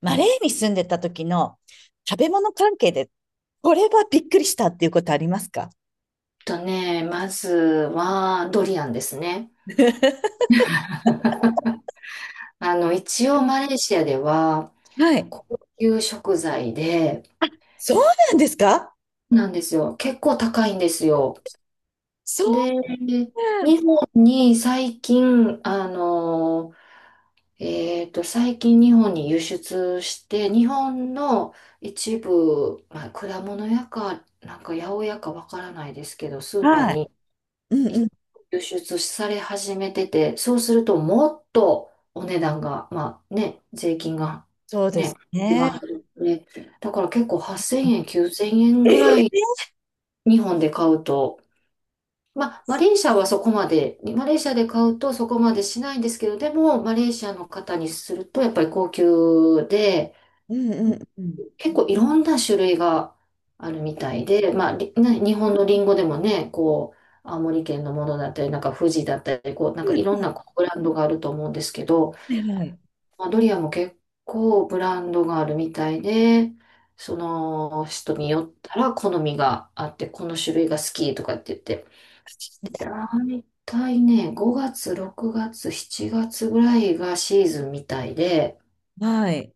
マレーに住んでた時の食べ物関係で、これはびっくりしたっていうことありますか？とね、まずはドリアンですね。一応マレーシアでははい。高級食材で、そうなんですか？なんですよ。結構高いんですよ。そうで、日本に最近、最近日本に輸出して、日本の一部、まあ、果物屋か、なんか八百屋かわからないですけど、スーパなん、ーはい。にうんいうん。輸出され始めてて、そうするともっとお値段が、まあね、税金がそうですね、一ね。番入るので、だから結構8000円、9000円えぐらいー、日本で買うと、まあマレーシアで買うとそこまでしないんですけど、でもマレーシアの方にするとやっぱり高級で、うんうん結構いろんな種類があるみたいで、日本のリンゴでもね、こう、青森県のものだったり、なんか富士だったり、こう、なんかいろんなこうブランドがあると思うんですけど、うん。はい。まあ、ドリアンも結構ブランドがあるみたいで、その人によったら好みがあって、この種類が好きとかって言って、大体ね、5月、6月、7月ぐらいがシーズンみたいで、はい。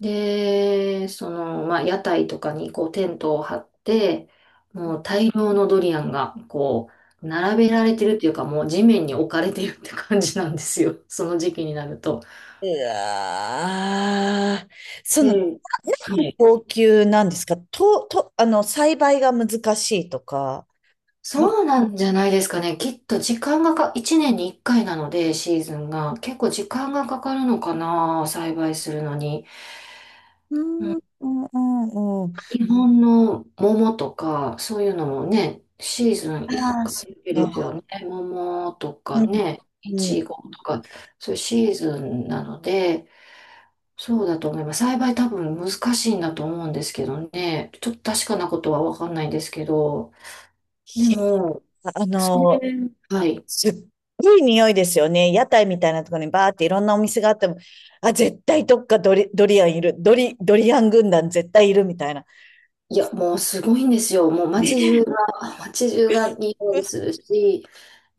で、その、まあ、屋台とかにこうテントを張って、もう大量のドリアンがこう、並べられてるっていうか、もう地面に置かれてるって感じなんですよ。その時期になると。うわー、そうの、ななんん、はでい。高級なんですか、と、と、栽培が難しいとか。あ、そうなんじゃないですかね。きっと時間がか、1年に1回なので、シーズンが。結構時間がかかるのかな、栽培するのに。うん、う、うん、うん、うん。日本の桃とか、そういうのもね、シーズン1ああ、そ回っだけですよか。ね。桃とうかん、ね、いうん。へ、ちごとか、そういうシーズンなので、そうだと思います。栽培多分難しいんだと思うんですけどね。ちょっと確かなことはわかんないんですけど。でも、あうの、ん、はい。すっごい匂いですよね。屋台みたいなところにバーっていろんなお店があっても、あ、絶対どっかドリ、ドリアンいる。ドリ、ドリアン軍団絶対いるみたいな。いや、もうすごいんですよ。もうね、街中が、街中が匂いするし、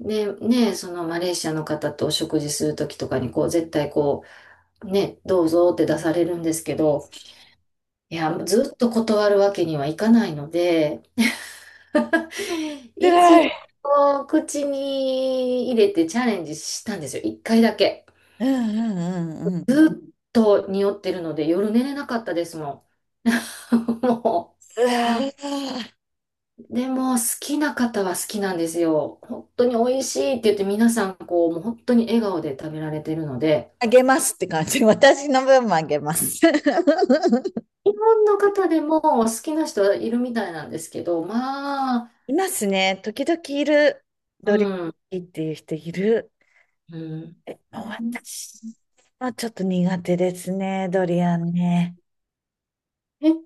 ね、そのマレーシアの方とお食事するときとかに、こう、絶対こう、ね、どうぞって出されるんですけど、いや、ずっと断るわけにはいかないので、辛一度い。口に入れてチャレンジしたんですよ。一回だけ。うんうんうんうん。うずっと匂ってるので夜寝れなかったですもん。もわー、う。でも好きな方は好きなんですよ。本当に美味しいって言って皆さんこう、もう本当に笑顔で食べられてるので、あげますって感じ。私の分もあげます。日本の方でも好きな人はいるみたいなんですけど、まあ、いますね。時々いる。うドリん。アンっていう人いる。へえ、もううん、私はちょっと苦手ですね。ドリアンね。え、東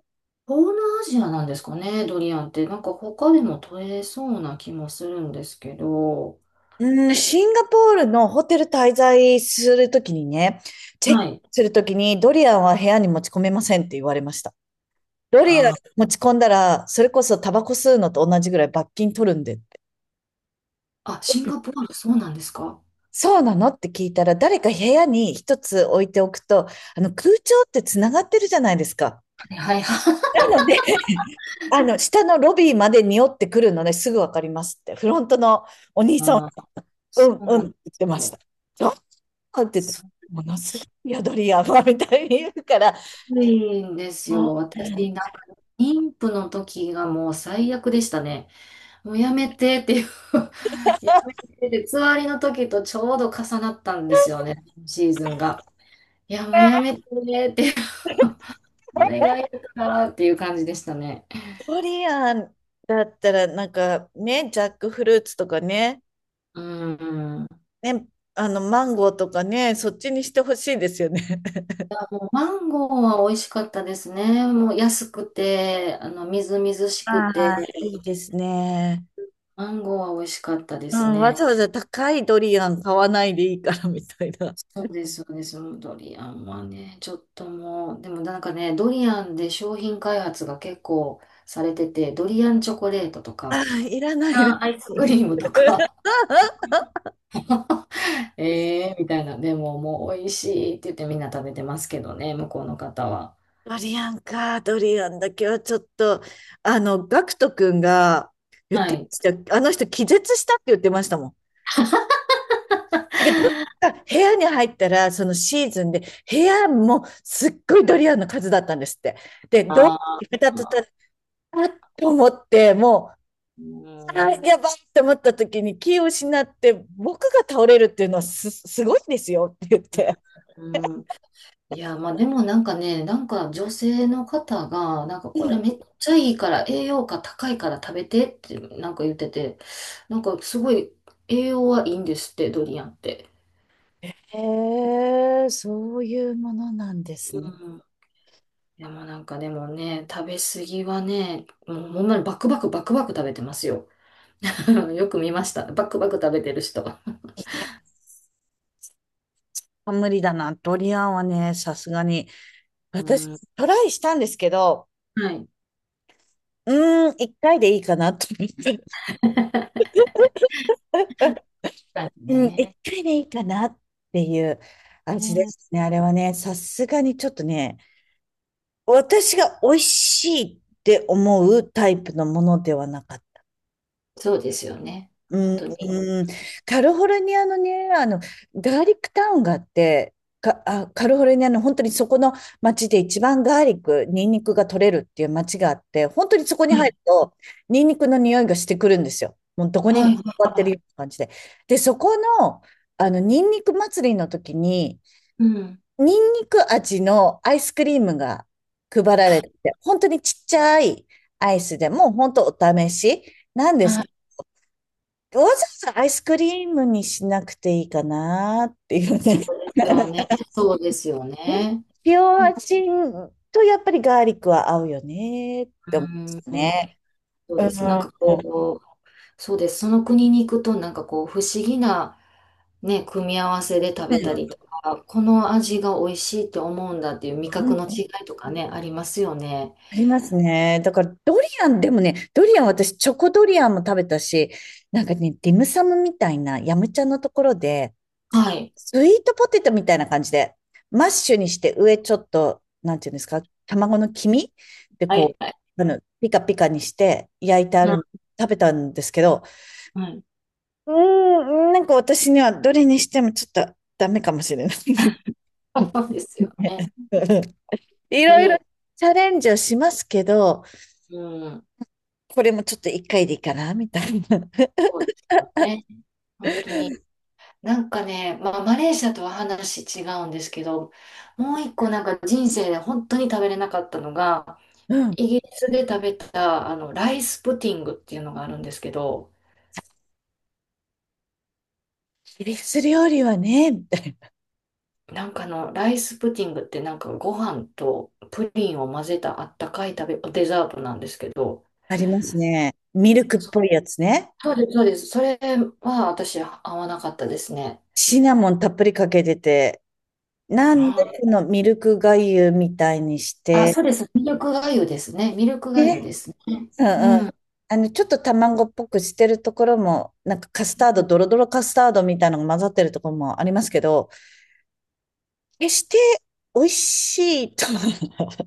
南アジアなんですかね、ドリアンって。なんか他でも取れそうな気もするんですけど。うん、シンガポールのホテル滞在するときにね、チェッはクい。するときにドリアンは部屋に持ち込めませんって言われました。ドリアンあー、持ち込んだら、それこそタバコ吸うのと同じぐらい罰金取るんでって。あ、シンガポール、そうなんですか、はそうなのって聞いたら、誰か部屋に一つ置いておくと、空調ってつながってるじゃないですか。い、はい、はい。なので、下のロビーまで匂ってくるのね、すぐわかりますって。フロントのお兄さん、あー、うそん、ううんっなんてで言っすてましよ。た。あって言って、すものすごいよ、ドリアンは、みたいに言うから、ごいんですよ。あ、私、なんか、妊婦の時がもう最悪でしたね。もうやめてっていう やめてって、つわりの時とちょうど重なったんですよね、シーズンが。いや、もうやめてって。いう、これがいいからっていう感じでしたね。ドリアンだったら、なんかね、ジャックフルーツとかね、うん。ね、マンゴーとかね、そっちにしてほしいですよね。マンゴーは美味しかったですね。もう安くて、みずみずしくあて、あ、いいですね。マンゴーは美味しかったでうすん、わね。ざわざ高いドリアン買わないでいいからみたいな。そうです、そうです。もうドリアンはね、ちょっともう、でもなんかね、ドリアンで商品開発が結構されてて、ドリアンチョコレートとあか、あ、いらなドいリアな。ンアイスクリームとか、えーみたいな、でももう美味しいって言ってみんな食べてますけどね、向こうの方は。ドリアンか、ドリアンだけはちょっと、ガクト君が言っはてまい。した。あの人気絶したって言ってましたもん。だけど、部屋に入ったら、そのシーズンで、部屋もすっごいドリアンの数だったんですって。で、どうやあー、ってたとたら、あっと思って、もう、うあん。ーやばいと思った時に気を失って、僕が倒れるっていうのはす、すごいんですよって言って、うん、いや、まあでもなんかね、なんか女性の方が、なんかこれめっちゃいいから、栄養価高いから食べてってなんか言ってて、なんかすごい栄養はいいんですって、ドリアンって。へえ、そういうものなんですね。うん、でもなんかでもね、食べ過ぎはね、もうほんまにバクバクバクバク食べてますよ。よく見ました。バクバク食べてる人。無理だな。ドリアンはね、さすがに。う私、ん。トライしたんですけど、はい。うーん、一回でいいかなと思って。だうん、一ね。回でいいかなっていう味でね、したね。あれはね、さすがにちょっとね、私が美味しいって思うタイプのものではなかっ、そうですよね。う本ん、当に。うん、カリフォルニアのね、ガーリックタウンがあって、か、あ、カリフォルニアの本当にそこの町で一番ガーリック、ニンニクが取れるっていう町があって、本当にそこには入るい。と、ニンニクの匂いがしてくるんですよ。もうどこにはい。座ってはるようい、な感じで。で、そこの、ニンニク祭りの時に、うん。ニンニク味のアイスクリームが配られてて、本当にちっちゃいアイスでも、本当お試しなんですはけど、い。わざわざアイスクリームにしなくていいかなっていうそね。うで すよね。そうですよね。塩うん。味とやっぱりガーリックは合うよねっうて思うんですん。ね。そううでん。す。なんかこう、そうです。その国に行くと、なんかこう、不思議なね、組み合わせで食べたりうとか、この味が美味しいって思うんだっていう味覚のん、違いとかね、ありますよね。ありますね。だから、ドリアン、でもね、ドリアン、私、チョコドリアンも食べたし、なんかね、ディムサムみたいな、ヤムチャのところで、はい。スイートポテトみたいな感じで、マッシュにして上ちょっと、なんていうんですか、卵の黄身ではこい。はい。う、ピカピカにして焼いてあうん。るの、食べたんですけど、うん、うーん、なんか私にはどれにしてもちょっとダメかもしれない。そうですよね。いろいろに、チャレンジをしますけど、うん。これもちょっと一回でいいかな、みたいな。そうですね。本当に。なんかね、まあ、マレーシアとは話違うんですけど、もう一個なんか人生で本当に食べれなかったのが、うん。フイギリスで食べたあのライスプティングっていうのがあるんですけど、ィリス料理はね、みたいな。なんかあのライスプティングってなんかご飯とプリンを混ぜたあったかい食べ、デザートなんですけど、ありますね。ミルクっそ、ぽいやつね。そうです、そうです。それは私合わなかったですね。シナモンたっぷりかけてて、なあんー、でこのミルクがゆみたいにしあ、て、そうです。ミルクがゆですね。ミルクでがゆね、ですね。うんううん。ん。ちょっと卵っぽくしてるところも、なんかカスタード、ドロドロカスタードみたいなのが混ざってるところもありますけど、決して美味しいとは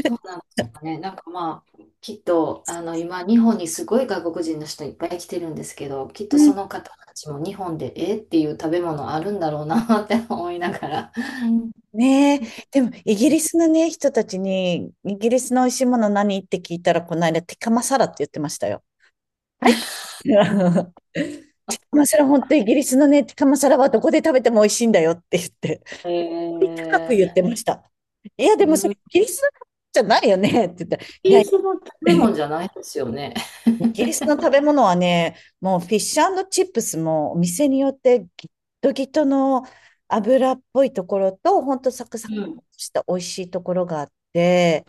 そう なんですかね。きっと、今、日本にすごい外国人の人いっぱい来てるんですけど、きっとその方たちも日本で、えっていう食べ物あるんだろうなって思いながら。うん、ねえ、でもイギリスのね、人たちに、イギリスの美味しいもの何って聞いたら、この間、ティカマサラって言ってましたよ。はい。 まあ、そ、本当イギリスのね、ティカマサラはどこで食べても美味しいんだよって言って、高く言っえてました。いや、ー、でもそうん、れイイギリスのじゃないよねって言ったら、いギや、リイスの食べ物じゃないですよね。ギリスの食べ物はね、もうフィッシュチップスもお店によってギットギトの油っぽいところと、本当サクサクうん。した美味しいところがあって、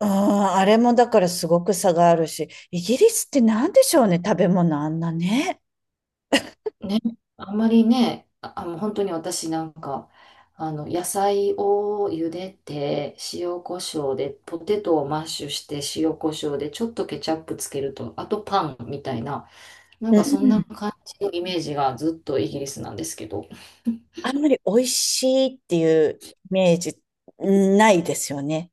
ああ、あれもだからすごく差があるし、イギリスって何でしょうね、食べ物あんなね。ね、あんまりね、あ、あの本当に私なんか、あの、野菜を茹でて、塩コショウで、ポテトをマッシュして、塩コショウで、ちょっとケチャップつけると、あとパンみたいな、なんうかそんなん。感じのイメージがずっとイギリスなんですけど、あんまり美味しいっていうイメージないですよね。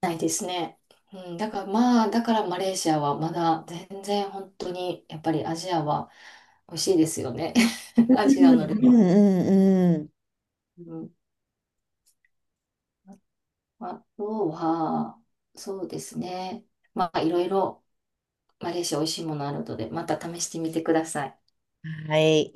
ないですね。うん、だからまあ、だからマレーシアはまだ全然本当に、やっぱりアジアは美味しいですよね。アジアの料うんうんう理。あとは、そうですね。まあ、いろいろ、マレーシア美味しいものあるので、また試してみてください。ん。はい。